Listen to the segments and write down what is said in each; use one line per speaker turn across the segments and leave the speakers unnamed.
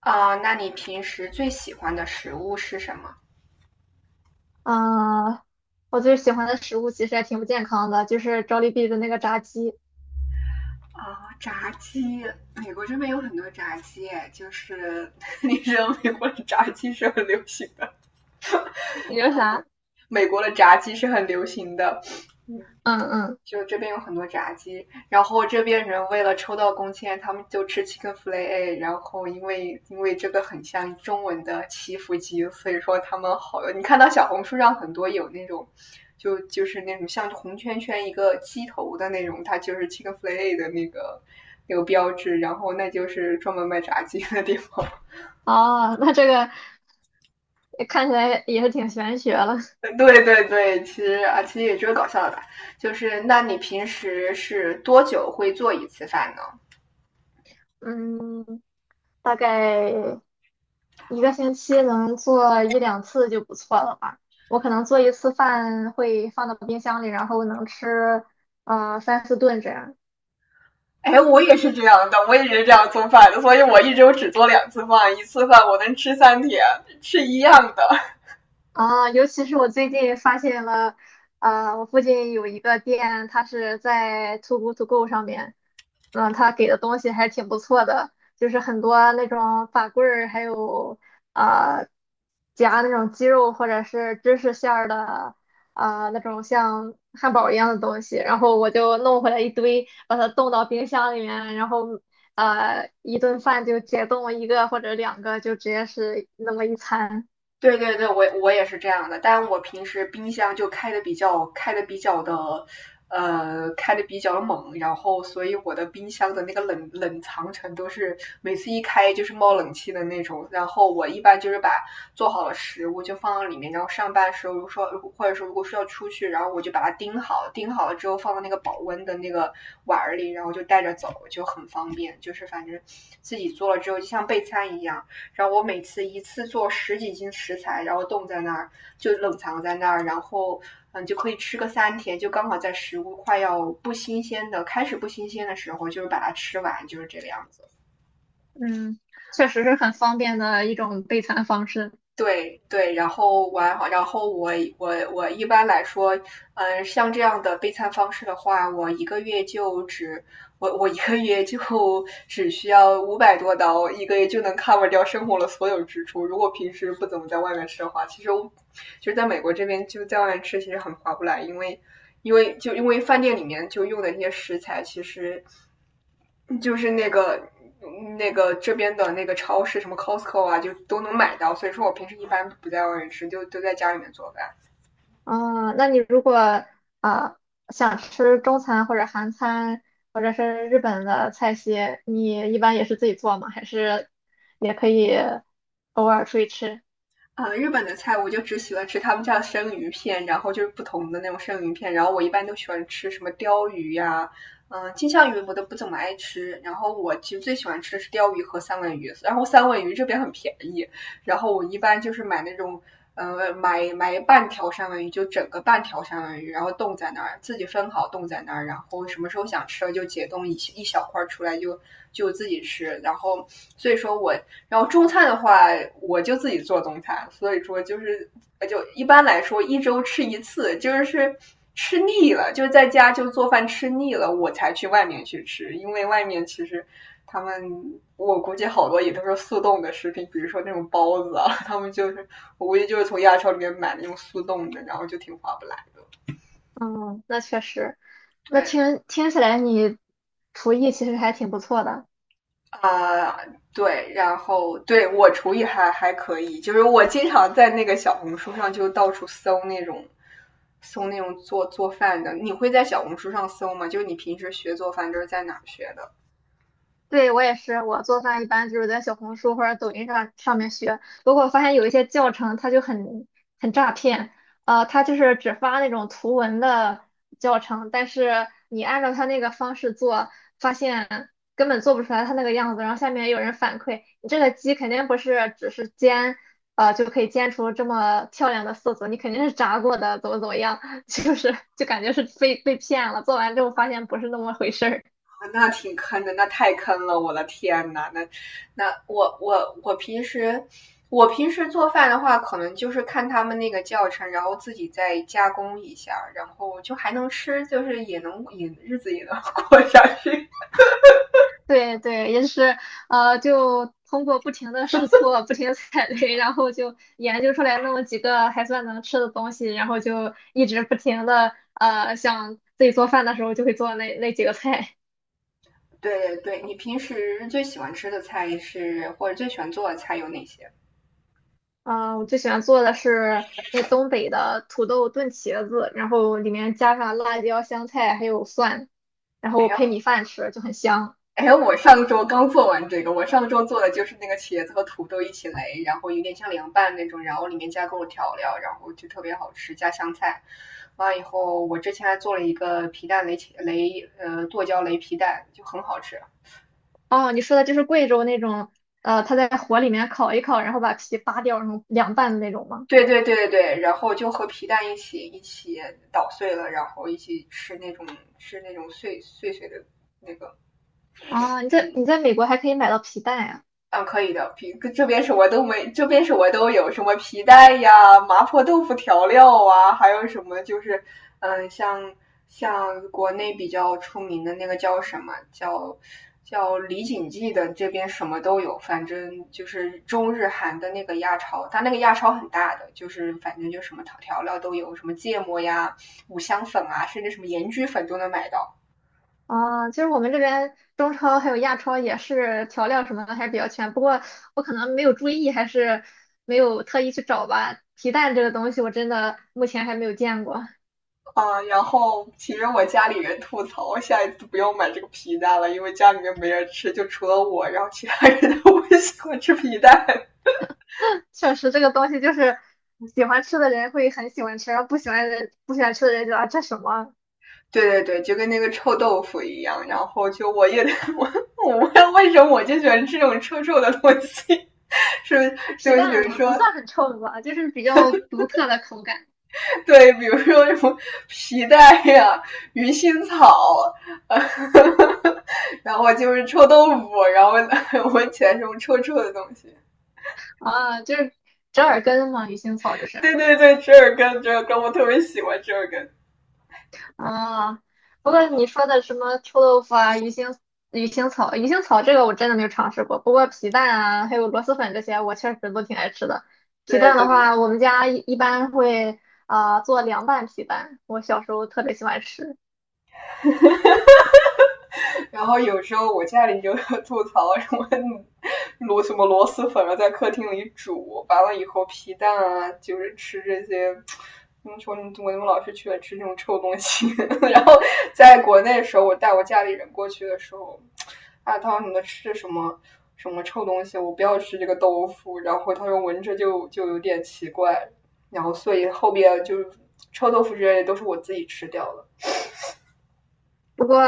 啊，那你平时最喜欢的食物是什么？
嗯，我最喜欢的食物其实还挺不健康的，就是 j o l 的那个炸鸡。
啊，炸鸡，美国这边有很多炸鸡，就是 你知道美国的炸鸡是很流行的。
你说啥？
美国的炸鸡是很流行的，嗯，
嗯嗯，
就这边有很多炸鸡，然后这边人为了抽到工签，他们就吃 chicken fillet，然后因为这个很像中文的祈福鸡，所以说他们好，你看到小红书上很多有那种，就是那种像红圈圈一个鸡头的那种，它就是 chicken fillet 的那个标志，然后那就是专门卖炸鸡的地方。
哦，那这个看起来也是挺玄学了。
对对对，其实啊，其实也就是搞笑的吧。就是那你平时是多久会做一次饭呢？
嗯，大概一个星期能做一两次就不错了吧。我可能做一次饭会放到冰箱里，然后能吃三四顿这样。
哎，我也是这样的，我也是这样做饭的，所以我一周只做两次饭，一次饭我能吃三天，是一样的。
啊，尤其是我最近发现了，我附近有一个店，它是在 Too Good To Go 上面，嗯，它给的东西还挺不错的，就是很多那种法棍儿，还有呃夹那种鸡肉或者是芝士馅儿的，啊、那种像汉堡一样的东西，然后我就弄回来一堆，把它冻到冰箱里面，然后一顿饭就解冻一个或者两个，就直接是那么一餐。
对对对，我也是这样的，但我平时冰箱就开的比较开的比较的，呃，开的比较猛，然后所以我的冰箱的那个冷藏程度是每次一开就是冒冷气的那种。然后我一般就是把做好了食物就放到里面，然后上班时候如果说或者说如果说要出去，然后我就把它钉好，钉好了之后放到那个保温的那个碗儿里，然后就带着走，就很方便。就是反正自己做了之后就像备餐一样。然后我每次一次做十几斤食材，然后冻在那儿，就冷藏在那儿，然后就可以吃个三天，就刚好在食物快要不新鲜的开始不新鲜的时候，就是把它吃完，就是这个样子。
嗯，确实是很方便的一种备餐方式。
对对，然后完，然后我一般来说，像这样的备餐方式的话，我一个月就 只需要五百多刀，一个月就能 cover 掉生活的所有支出。如果平时不怎么在外面吃的话，其实我就是在美国这边就在外面吃，其实很划不来，因为饭店里面就用的那些食材，其实就是那个这边的那个超市，什么 Costco 啊，就都能买到。所以说我平时一般不在外面吃，就都在家里面做饭。
啊，那你如果啊想吃中餐或者韩餐或者是日本的菜系，你一般也是自己做吗？还是也可以偶尔出去吃？
啊，日本的菜我就只喜欢吃他们家的生鱼片，然后就是不同的那种生鱼片，然后我一般都喜欢吃什么鲷鱼呀、金枪鱼我都不怎么爱吃，然后我其实最喜欢吃的是鲷鱼和三文鱼，然后三文鱼这边很便宜，然后我一般就是买那种，买半条三文鱼，就整个半条三文鱼，然后冻在那儿，自己分好冻在那儿，然后什么时候想吃了就解冻一小块出来就自己吃。然后所以说我，然后中餐的话，我就自己做中餐，所以说就是一般来说一周吃一次，就是吃腻了，就是在家就做饭吃腻了，我才去外面去吃，因为外面其实。他们我估计好多也都是速冻的食品，比如说那种包子啊，他们就是我估计就是从亚超里面买那种速冻的，然后就挺划不来。
嗯，那确实，那
对
听起来你厨艺其实还挺不错的。
啊、呃对，然后对我厨艺还可以，就是我经常在那个小红书上就到处搜那种做饭的。你会在小红书上搜吗？就是你平时学做饭都是在哪儿学的？
对，我也是，我做饭一般就是在小红书或者抖音上面学。不过我发现有一些教程它就很诈骗，它就是只发那种图文的教程，但是你按照它那个方式做，发现根本做不出来它那个样子。然后下面有人反馈，你这个鸡肯定不是只是煎，就可以煎出这么漂亮的色泽，你肯定是炸过的，怎么怎么样，就是感觉是被骗了。做完之后发现不是那么回事儿。
那挺坑的，那太坑了，我的天呐，那我平时做饭的话，可能就是看他们那个教程，然后自己再加工一下，然后就还能吃，就是也能也日子也能过下去。
对对，也是就通过不停的试错、不停的踩雷，然后就研究出来那么几个还算能吃的东西，然后就一直不停的，想自己做饭的时候就会做那几个菜。
对对，对，你平时最喜欢吃的菜是或者最喜欢做的菜有哪些？
啊、我最喜欢做的是那东北的土豆炖茄子，然后里面加上辣椒、香菜还有蒜，然
哎
后
呀，
配米饭吃就很香。
哎，我上周刚做完这个，我上周做的就是那个茄子和土豆一起擂，然后有点像凉拌那种，然后里面加各种调料，然后就特别好吃，加香菜。完以后，我之前还做了一个皮蛋擂茄擂，剁椒擂皮蛋，就很好吃。
哦，你说的就是贵州那种，它在火里面烤一烤，然后把皮扒掉，然后凉拌的那种吗？
对对对对对，然后就和皮蛋一起捣碎了，然后一起吃那种碎碎碎的那个，
啊，你在美国还可以买到皮蛋呀？
嗯，可以的。皮这边什么都没，这边什么都有什么皮带呀、麻婆豆腐调料啊，还有什么就是，嗯，像像国内比较出名的那个叫什么叫叫李锦记的，这边什么都有。反正就是中日韩的那个亚超，它那个亚超很大的，就是反正就什么调料都有，什么芥末呀、五香粉啊，甚至什么盐焗粉都能买到。
啊。其实我们这边中超还有亚超也是调料什么的还是比较全，不过我可能没有注意，还是没有特意去找吧。皮蛋这个东西我真的目前还没有见过，
啊、然后其实我家里人吐槽，我下一次不要买这个皮蛋了，因为家里面没人吃，就除了我，然后其他人都不喜欢吃皮蛋。
确实这个东西就是喜欢吃的人会很喜欢吃，然后不喜欢的人不喜欢吃的人就啊这什么。
对对对，就跟那个臭豆腐一样，然后就我也 我我为什么就喜欢吃这种臭臭的东西？是，就
皮
是比如
蛋也不
说，
算很臭吧，就是比较独特的口感。
对，比如说什么皮蛋呀、鱼腥草，呃、然后就是臭豆腐，然后 闻起来这种臭臭的东西。
啊，就是折耳根嘛，鱼腥草就是。
对对对，折耳根，折耳根，我特别喜欢折耳根。
啊，不过你说的什么臭豆腐啊、鱼腥草、鱼腥草这个我真的没有尝试过，不过皮蛋啊，还有螺蛳粉这些，我确实都挺爱吃的。皮
对
蛋
对，
的话，我们家一般会，啊、做凉拌皮蛋，我小时候特别喜欢吃。
然后有时候我家里就吐槽什么螺蛳粉啊，在客厅里煮，完了以后皮蛋啊，就是吃这些。怎么说？我怎么老是去了吃这种臭东西？然后在国内的时候，我带我家里人过去的时候，啊，他说你们吃什么臭东西？我不要吃这个豆腐。然后他说闻着就有点奇怪。然后所以后边就是臭豆腐之类的都是我自己吃掉了。
不过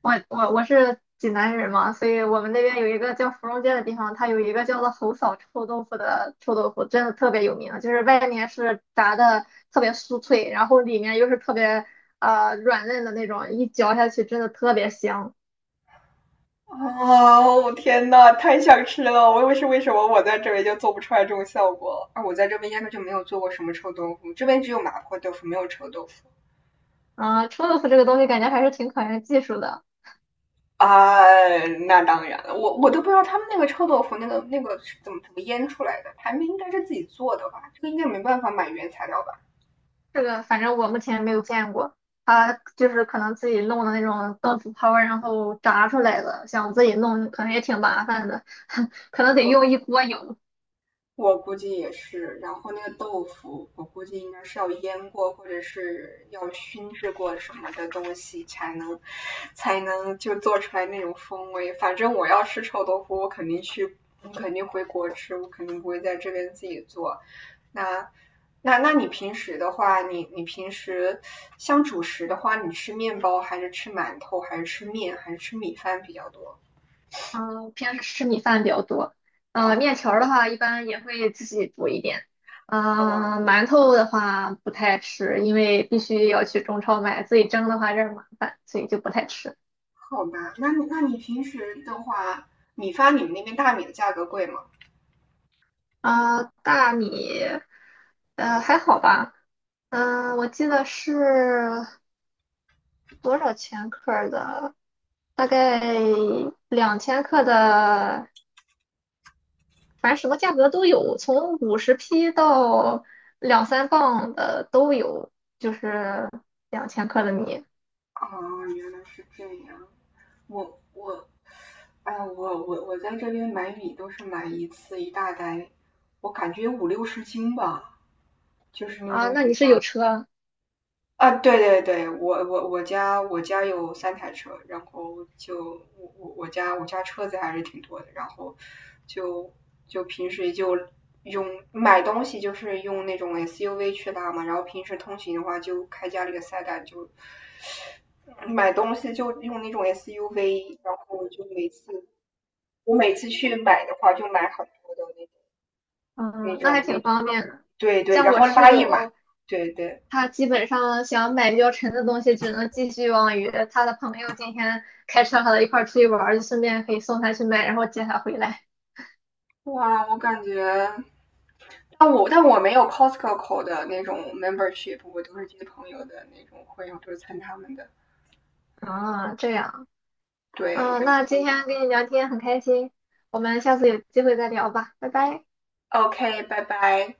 我是济南人嘛，所以我们那边有一个叫芙蓉街的地方，它有一个叫做侯嫂臭豆腐的臭豆腐，真的特别有名。就是外面是炸的特别酥脆，然后里面又是特别软嫩的那种，一嚼下去真的特别香。
哦，天呐，太想吃了！我为什么我在这边就做不出来这种效果？啊，我在这边压根就没有做过什么臭豆腐，这边只有麻婆豆腐，没有臭豆腐。
啊、臭豆腐这个东西感觉还是挺考验技术的，
啊，那当然了，我都不知道他们那个臭豆腐那个是怎么腌出来的，他们应该是自己做的吧？这个应该没办法买原材料吧？
这个反正我目前没有见过。它就是可能自己弄的那种豆腐泡儿然后炸出来的，想自己弄可能也挺麻烦的，可能得用
我
一锅油。
我估计也是。然后那个豆腐，我估计应该是要腌过，或者是要熏制过什么的东西，才能就做出来那种风味。反正我要吃臭豆腐，我肯定去，我肯定回国吃，我肯定不会在这边自己做。那那你平时的话，你平时像主食的话，你吃面包还是吃馒头，还是吃面，还是吃米饭比较多？
嗯，平时吃米饭比较多。
啊，
嗯，面条儿的话，一般也会自己煮一点。嗯，馒头的话不太吃，因为必须要去中超买，自己蒸的话有点儿麻烦，所以就不太吃。
好吧，那你平时的话，米发你们那边大米的价格贵吗？
啊、大米，还好吧。我记得是多少千克儿的？大概两千克的反正什么价格都有，从五十匹到两三磅的都有，就是两千克的米。
哦，原来是这样。我我，哎，我在这边买米都是买一次一大袋，我感觉五六十斤吧，就是那
啊。
种
那
很
你是有
大
车，
啊，对对对，我家有三台车，然后就我家车子还是挺多的，然后就平时就用买东西就是用那种 SUV 去拉嘛，然后平时通勤的话就开家里的塞带就买东西就用那种 SUV，然后就我每次去买的话就买很多的那种那
嗯，那还
种那
挺
种，
方便的。
对对，
像
然
我
后
室
拉一买，
友，
对对，
他基本上想买比较沉的东西，只能寄希望于他的朋友今天开车和他一块儿出去玩儿，就顺便可以送他去买，然后接他回来。
哇，我感觉。但我没有 Costco 的那种 membership，我都是接朋友的那种会，我都是参他们的。
啊，这样，
对
嗯，那今天跟你聊天很开心，我们下次有机会再聊吧，拜拜。
o k 拜拜。